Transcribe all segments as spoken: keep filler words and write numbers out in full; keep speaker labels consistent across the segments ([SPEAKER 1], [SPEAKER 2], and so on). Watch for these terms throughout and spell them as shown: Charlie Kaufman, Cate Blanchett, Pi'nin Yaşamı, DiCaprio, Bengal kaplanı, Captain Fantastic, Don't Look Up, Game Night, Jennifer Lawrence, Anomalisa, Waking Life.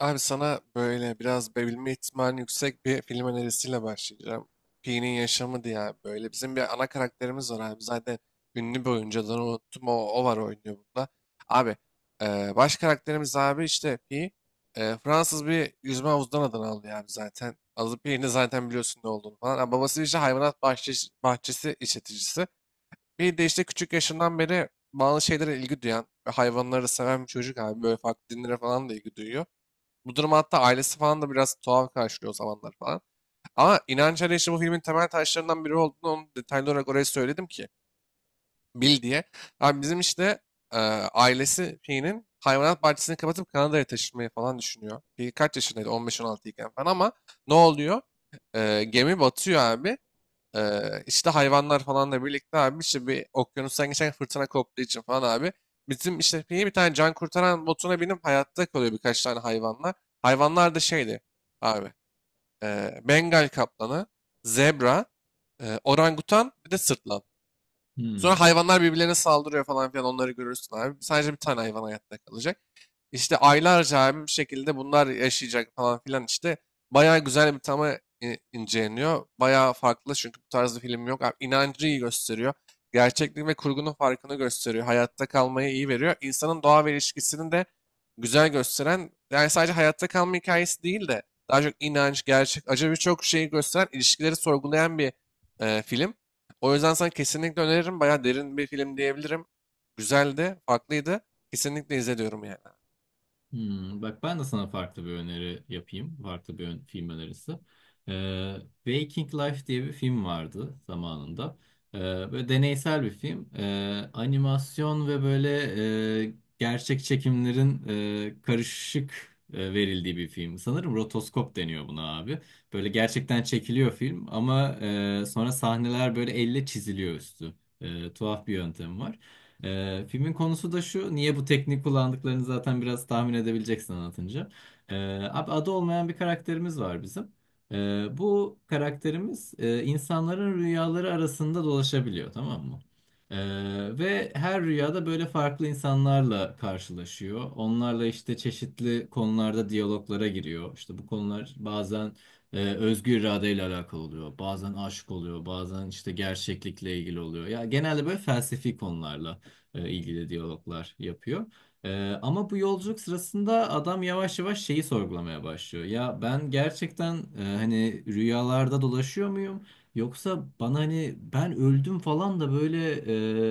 [SPEAKER 1] Abi sana böyle biraz bebilme ihtimali yüksek bir film önerisiyle başlayacağım. Pi'nin Yaşamı diye abi böyle. Bizim bir ana karakterimiz var abi. Zaten ünlü bir oyuncu adını unuttum. O, o var oynuyor bunda. Abi e, baş karakterimiz abi işte Pi. e, Fransız bir yüzme havuzundan adını alıyor abi zaten. Adı Pi'nin zaten biliyorsun ne olduğunu falan. Ha, babası işte hayvanat bahçesi, bahçesi işleticisi. Bir de işte küçük yaşından beri bazı şeylere ilgi duyan ve hayvanları seven bir çocuk abi. Böyle farklı dinlere falan da ilgi duyuyor. Bu durum hatta ailesi falan da biraz tuhaf karşılıyor o zamanlar falan. Ama inanç arayışı bu filmin temel taşlarından biri olduğunu onu detaylı olarak oraya söyledim ki bil diye. Abi bizim işte e, ailesi Pi'nin hayvanat bahçesini kapatıp Kanada'ya taşınmayı falan düşünüyor. Pi kaç yaşındaydı? on beş on altı iken falan ama ne oluyor? E, gemi batıyor abi. Ee, işte hayvanlar falanla birlikte abi işte bir okyanustan geçen fırtına koptuğu için falan abi. Bizim işte bir bir tane can kurtaran botuna binip hayatta kalıyor birkaç tane hayvanlar. Hayvanlar da şeydi abi. E, Bengal kaplanı, zebra, e, orangutan bir de sırtlan. Sonra
[SPEAKER 2] Hmm,
[SPEAKER 1] hayvanlar birbirlerine saldırıyor falan filan onları görürsün abi. Sadece bir tane hayvan hayatta kalacak. İşte aylarca abi bir şekilde bunlar yaşayacak falan filan işte. Bayağı güzel bir tama i- inceleniyor. Bayağı farklı çünkü bu tarz bir film yok. Abi, inancı iyi gösteriyor. Gerçeklik ve kurgunun farkını gösteriyor. Hayatta kalmayı iyi veriyor. İnsanın doğa ve ilişkisini de güzel gösteren, yani sadece hayatta kalma hikayesi değil de daha çok inanç, gerçek, acı birçok şeyi gösteren, ilişkileri sorgulayan bir e, film. O yüzden sana kesinlikle öneririm. Bayağı derin bir film diyebilirim. Güzeldi, farklıydı. Kesinlikle izle diyorum yani.
[SPEAKER 2] hmm. Bak ben de sana farklı bir öneri yapayım. Farklı bir ön- film önerisi. Ee, Waking Life diye bir film vardı zamanında. Ee, Böyle deneysel bir film. Ee, animasyon ve böyle e, gerçek çekimlerin e, karışık e, verildiği bir film. Sanırım rotoskop deniyor buna abi. Böyle gerçekten çekiliyor film ama e, sonra sahneler böyle elle çiziliyor üstü. E, tuhaf bir yöntem var. Ee, filmin konusu da şu. Niye bu teknik kullandıklarını zaten biraz tahmin edebileceksin anlatınca. Ee, Abi adı olmayan bir karakterimiz var bizim. Ee, bu karakterimiz e, insanların rüyaları arasında dolaşabiliyor, tamam mı? Ee, ve her rüyada böyle farklı insanlarla karşılaşıyor. Onlarla işte çeşitli konularda diyaloglara giriyor. İşte bu konular bazen e, özgür iradeyle alakalı oluyor. Bazen aşık oluyor. Bazen işte gerçeklikle ilgili oluyor. Ya genelde böyle felsefi konularla e, ilgili diyaloglar yapıyor. E, ama bu yolculuk sırasında adam yavaş yavaş şeyi sorgulamaya başlıyor. Ya ben gerçekten e, hani rüyalarda dolaşıyor muyum? Yoksa bana hani ben öldüm falan da böyle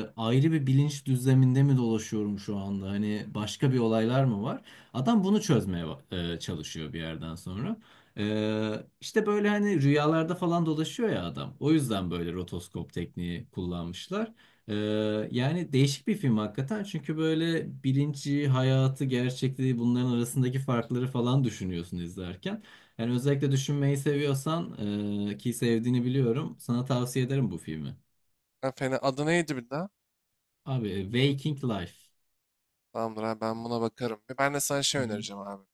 [SPEAKER 2] e, ayrı bir bilinç düzleminde mi dolaşıyorum şu anda? Hani başka bir olaylar mı var? Adam bunu çözmeye e, çalışıyor bir yerden sonra. Ee, işte böyle hani rüyalarda falan dolaşıyor ya adam. O yüzden böyle rotoskop tekniği kullanmışlar. Ee, Yani değişik bir film hakikaten çünkü böyle bilinci, hayatı, gerçekliği bunların arasındaki farkları falan düşünüyorsun izlerken. Yani özellikle düşünmeyi seviyorsan e, ki sevdiğini biliyorum, sana tavsiye ederim bu filmi.
[SPEAKER 1] Ha, Fena. Adı neydi bir daha?
[SPEAKER 2] Abi Waking Life.
[SPEAKER 1] Tamamdır abi ben buna bakarım. Ben de sana şey
[SPEAKER 2] Hı
[SPEAKER 1] önereceğim abi.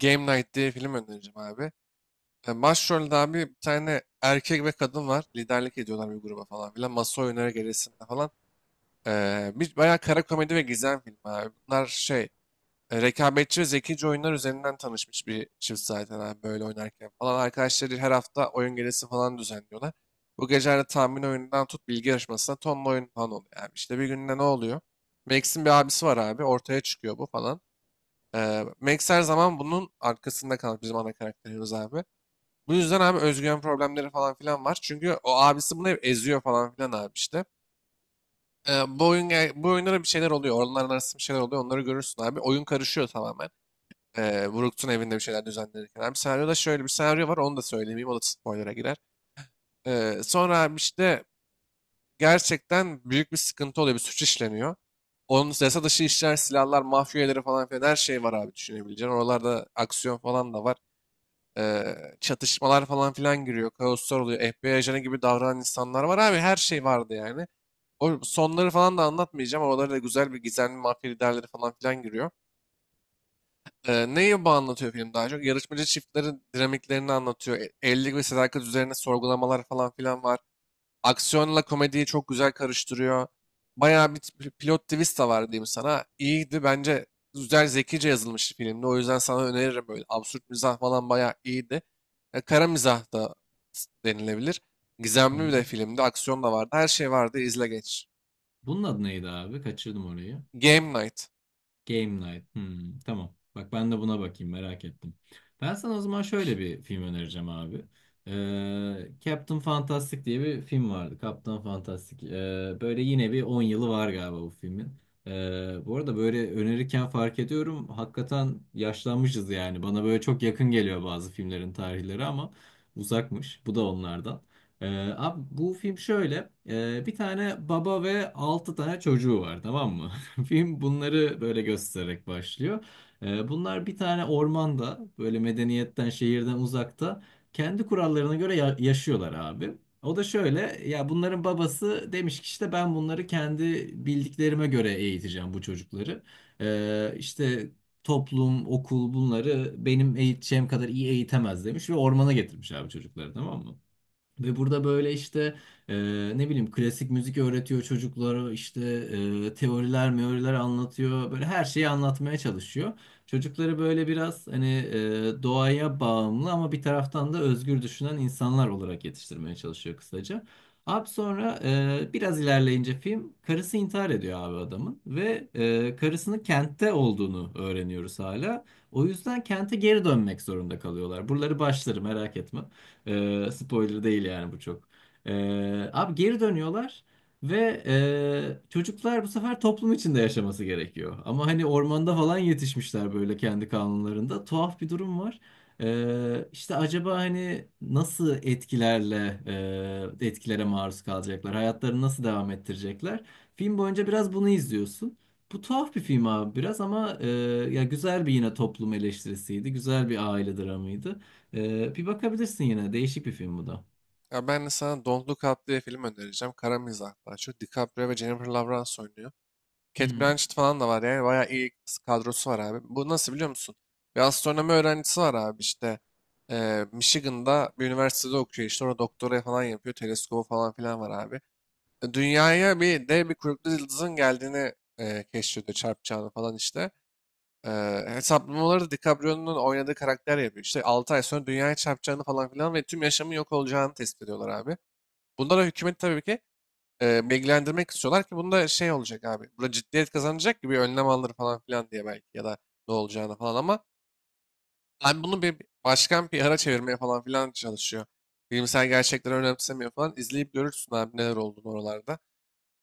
[SPEAKER 1] Game Night diye film önereceğim abi. E, Başrolde abi bir tane erkek ve kadın var. Liderlik ediyorlar bir gruba falan filan. Masa oyunları gerisinde falan. E, bir bayağı kara komedi ve gizem filmi abi. Bunlar şey e, rekabetçi ve zekice oyunlar üzerinden tanışmış bir çift zaten abi böyle oynarken falan. Arkadaşları her hafta oyun gecesi falan düzenliyorlar. Bu gecelerde tahmin oyunundan tut bilgi yarışmasına tonla oyun falan oluyor abi. İşte bir günde ne oluyor? Max'in bir abisi var abi. Ortaya çıkıyor bu falan. Ee, Max her zaman bunun arkasında kalmış bizim ana karakterimiz abi. Bu yüzden abi özgüven problemleri falan filan var. Çünkü o abisi bunu hep eziyor falan filan abi işte. Ee, bu oyun Bu oyunlara bir şeyler oluyor. Oraların arasında bir şeyler oluyor. Onları görürsün abi. Oyun karışıyor tamamen. Ee, Brook'un evinde bir şeyler düzenlenirken. Bir senaryoda şöyle bir senaryo var onu da söylemeyeyim o da spoiler'a girer. Ee, sonra abi işte gerçekten büyük bir sıkıntı oluyor bir suç işleniyor. Onun yasa dışı işler, silahlar, mafya üyeleri falan filan her şey var abi düşünebileceğin. Oralarda aksiyon falan da var. Ee, Çatışmalar falan filan giriyor. Kaoslar oluyor. F B I ajanı gibi davranan insanlar var abi. Her şey vardı yani. O sonları falan da anlatmayacağım. Oralarda da güzel bir gizemli mafya liderleri falan filan giriyor. Ee, neyi bu anlatıyor film daha çok? Yarışmacı çiftlerin dinamiklerini anlatıyor. E- Evlilik ve sadakat üzerine sorgulamalar falan filan var. Aksiyonla komediyi çok güzel karıştırıyor. Bayağı bir t- pilot twist de var diyeyim sana. İyiydi bence. Güzel zekice yazılmış filmdi. O yüzden sana öneririm böyle. Absürt mizah falan bayağı iyiydi. E, kara mizah da s- denilebilir. Gizemli bir
[SPEAKER 2] hı.
[SPEAKER 1] de filmdi. Aksiyon da vardı. Her şey vardı. İzle geç.
[SPEAKER 2] Bunun adı neydi abi? Kaçırdım orayı.
[SPEAKER 1] Game Night.
[SPEAKER 2] Game Night. Hmm, tamam. Bak ben de buna bakayım, merak ettim. Ben sana o zaman şöyle bir film önereceğim abi. Ee, Captain Fantastic diye bir film vardı. Captain Fantastic. Ee, böyle yine bir on yılı var galiba bu filmin. Ee, bu arada böyle önerirken fark ediyorum. Hakikaten yaşlanmışız yani. Bana böyle çok yakın geliyor bazı filmlerin tarihleri ama uzakmış. Bu da onlardan. Ee, Abi bu film şöyle. Ee, bir tane baba ve altı tane çocuğu var, tamam mı? Film bunları böyle göstererek başlıyor. Ee, bunlar bir tane ormanda böyle medeniyetten şehirden uzakta kendi kurallarına göre ya- yaşıyorlar abi. O da şöyle, ya bunların babası demiş ki işte ben bunları kendi bildiklerime göre eğiteceğim bu çocukları. Ee, işte toplum, okul bunları benim eğiteceğim kadar iyi eğitemez demiş ve ormana getirmiş abi çocukları, tamam mı? Ve burada böyle işte e, ne bileyim klasik müzik öğretiyor çocuklara, işte e, teoriler meoriler anlatıyor, böyle her şeyi anlatmaya çalışıyor. Çocukları böyle biraz hani e, doğaya bağımlı ama bir taraftan da özgür düşünen insanlar olarak yetiştirmeye çalışıyor kısaca. Abi sonra e, biraz ilerleyince film karısı intihar ediyor abi adamın ve e, karısının kentte olduğunu öğreniyoruz hala. O yüzden kente geri dönmek zorunda kalıyorlar. Buraları başları merak etme. Ee, spoiler değil yani bu çok. Ee, abi geri dönüyorlar ve e, çocuklar bu sefer toplum içinde yaşaması gerekiyor. Ama hani ormanda falan yetişmişler böyle kendi kanunlarında. Tuhaf bir durum var. Ee, işte acaba hani nasıl etkilerle e, etkilere maruz kalacaklar? Hayatlarını nasıl devam ettirecekler? Film boyunca biraz bunu izliyorsun. Bu tuhaf bir film abi biraz ama e, ya güzel bir yine toplum eleştirisiydi. Güzel bir aile dramıydı. Ee, bir bakabilirsin yine. Değişik bir film bu da.
[SPEAKER 1] Ya ben de sana Don't Look Up diye film önereceğim. Kara mizah daha çok. DiCaprio ve Jennifer Lawrence oynuyor. Cate
[SPEAKER 2] Hı.
[SPEAKER 1] Blanchett falan da var yani. Bayağı iyi kadrosu var abi. Bu nasıl biliyor musun? Bir astronomi öğrencisi var abi işte. Eee, Michigan'da bir üniversitede okuyor işte. Orada doktora falan yapıyor. Teleskobu falan filan var abi. E, Dünyaya bir dev bir kuyruklu yıldızın geldiğini eee keşfediyor. Çarpacağını falan işte. Eee hesaplamaları da DiCaprio'nun oynadığı karakter yapıyor. İşte altı ay sonra dünyaya çarpacağını falan filan ve tüm yaşamın yok olacağını tespit ediyorlar abi. Bunlara hükümeti tabii ki e, bilgilendirmek istiyorlar ki bunda şey olacak abi. Burada ciddiyet kazanacak gibi önlem alır falan filan diye belki ya da ne olacağını falan ama ben bunu bir başkan P R'a çevirmeye falan filan çalışıyor. Bilimsel gerçekleri önemsemiyor falan. İzleyip görürsün abi neler olduğunu oralarda.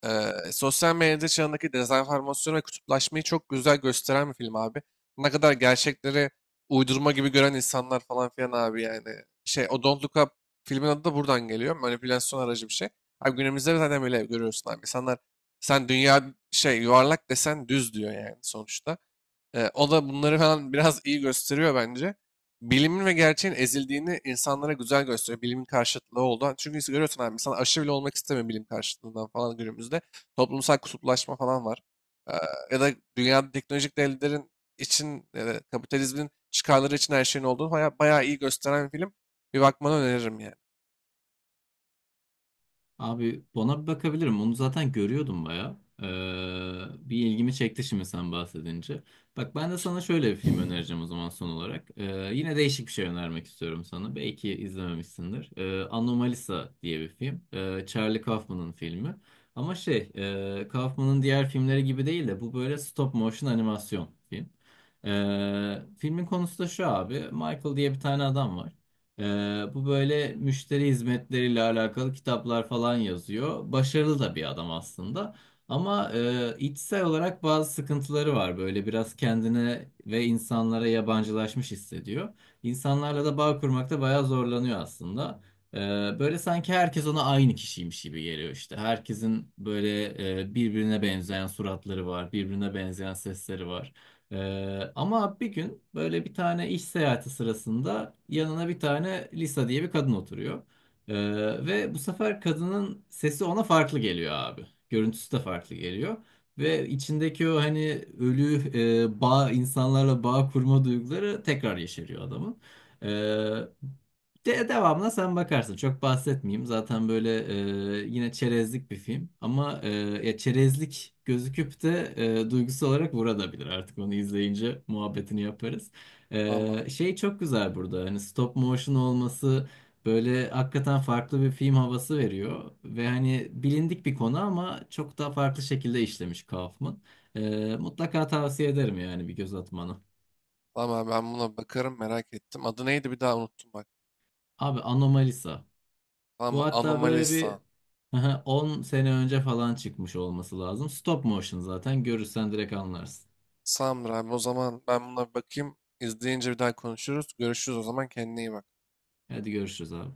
[SPEAKER 1] Eee, sosyal medya çağındaki dezenformasyon ve kutuplaşmayı çok güzel gösteren bir film abi. Ne kadar gerçekleri uydurma gibi gören insanlar falan filan abi yani. Şey, o Don't Look Up filmin adı da buradan geliyor. Manipülasyon aracı bir şey. Abi günümüzde zaten böyle görüyorsun abi. İnsanlar sen dünya şey yuvarlak desen düz diyor yani sonuçta. Ee, o da bunları falan biraz iyi gösteriyor bence. Bilimin ve gerçeğin ezildiğini insanlara güzel gösteriyor. Bilimin karşıtlığı oldu. Çünkü görüyorsun abi insan aşırı bile olmak istemiyor bilim karşıtlığından falan günümüzde. Toplumsal kutuplaşma falan var. Ee, Ya da dünyada teknolojik devletlerin için ya da kapitalizmin çıkarları için her şeyin olduğunu bayağı, bayağı iyi gösteren bir film. Bir bakmanı öneririm yani.
[SPEAKER 2] Abi ona bir bakabilirim. Onu zaten görüyordum baya. Ee, bir ilgimi çekti şimdi sen bahsedince. Bak ben de sana şöyle bir film önereceğim o zaman son olarak. Ee, yine değişik bir şey önermek istiyorum sana. Belki izlememişsindir. Ee, Anomalisa diye bir film. Ee, Charlie Kaufman'ın filmi. Ama şey, e, Kaufman'ın diğer filmleri gibi değil de bu böyle stop motion animasyon film. Ee, filmin konusu da şu abi. Michael diye bir tane adam var. Ee, bu böyle müşteri hizmetleriyle alakalı kitaplar falan yazıyor. Başarılı da bir adam aslında. Ama e, içsel olarak bazı sıkıntıları var. Böyle biraz kendine ve insanlara yabancılaşmış hissediyor. İnsanlarla da bağ kurmakta bayağı zorlanıyor aslında. Ee, Böyle sanki herkes ona aynı kişiymiş gibi geliyor işte. Herkesin böyle e, birbirine benzeyen suratları var, birbirine benzeyen sesleri var. Ee, ama bir gün böyle bir tane iş seyahati sırasında yanına bir tane Lisa diye bir kadın oturuyor. Ee, Ve bu sefer kadının sesi ona farklı geliyor abi. Görüntüsü de farklı geliyor. Ve içindeki o hani ölü e, bağ, insanlarla bağ kurma duyguları tekrar yeşeriyor adamın. De devamına sen bakarsın. Çok bahsetmeyeyim. Zaten böyle e, yine çerezlik bir film. Ama e, ya çerezlik gözüküp de e, duygusal olarak vurabilir. Artık onu izleyince muhabbetini yaparız.
[SPEAKER 1] Tamam abi.
[SPEAKER 2] E, şey çok güzel burada. Hani stop motion olması böyle hakikaten farklı bir film havası veriyor. Ve hani bilindik bir konu ama çok daha farklı şekilde işlemiş Kaufman. E, mutlaka tavsiye ederim yani bir göz atmanı.
[SPEAKER 1] Tamam abi ben buna bakarım merak ettim. Adı neydi bir daha unuttum bak.
[SPEAKER 2] Abi Anomalisa.
[SPEAKER 1] Tamam
[SPEAKER 2] Bu
[SPEAKER 1] mı?
[SPEAKER 2] hatta böyle bir
[SPEAKER 1] Anomalisa.
[SPEAKER 2] on sene önce falan çıkmış olması lazım. Stop motion zaten görürsen direkt anlarsın.
[SPEAKER 1] Tamamdır abi o zaman ben buna bir bakayım. İzleyince bir daha konuşuruz. Görüşürüz o zaman kendine iyi bak.
[SPEAKER 2] Hadi görüşürüz abi.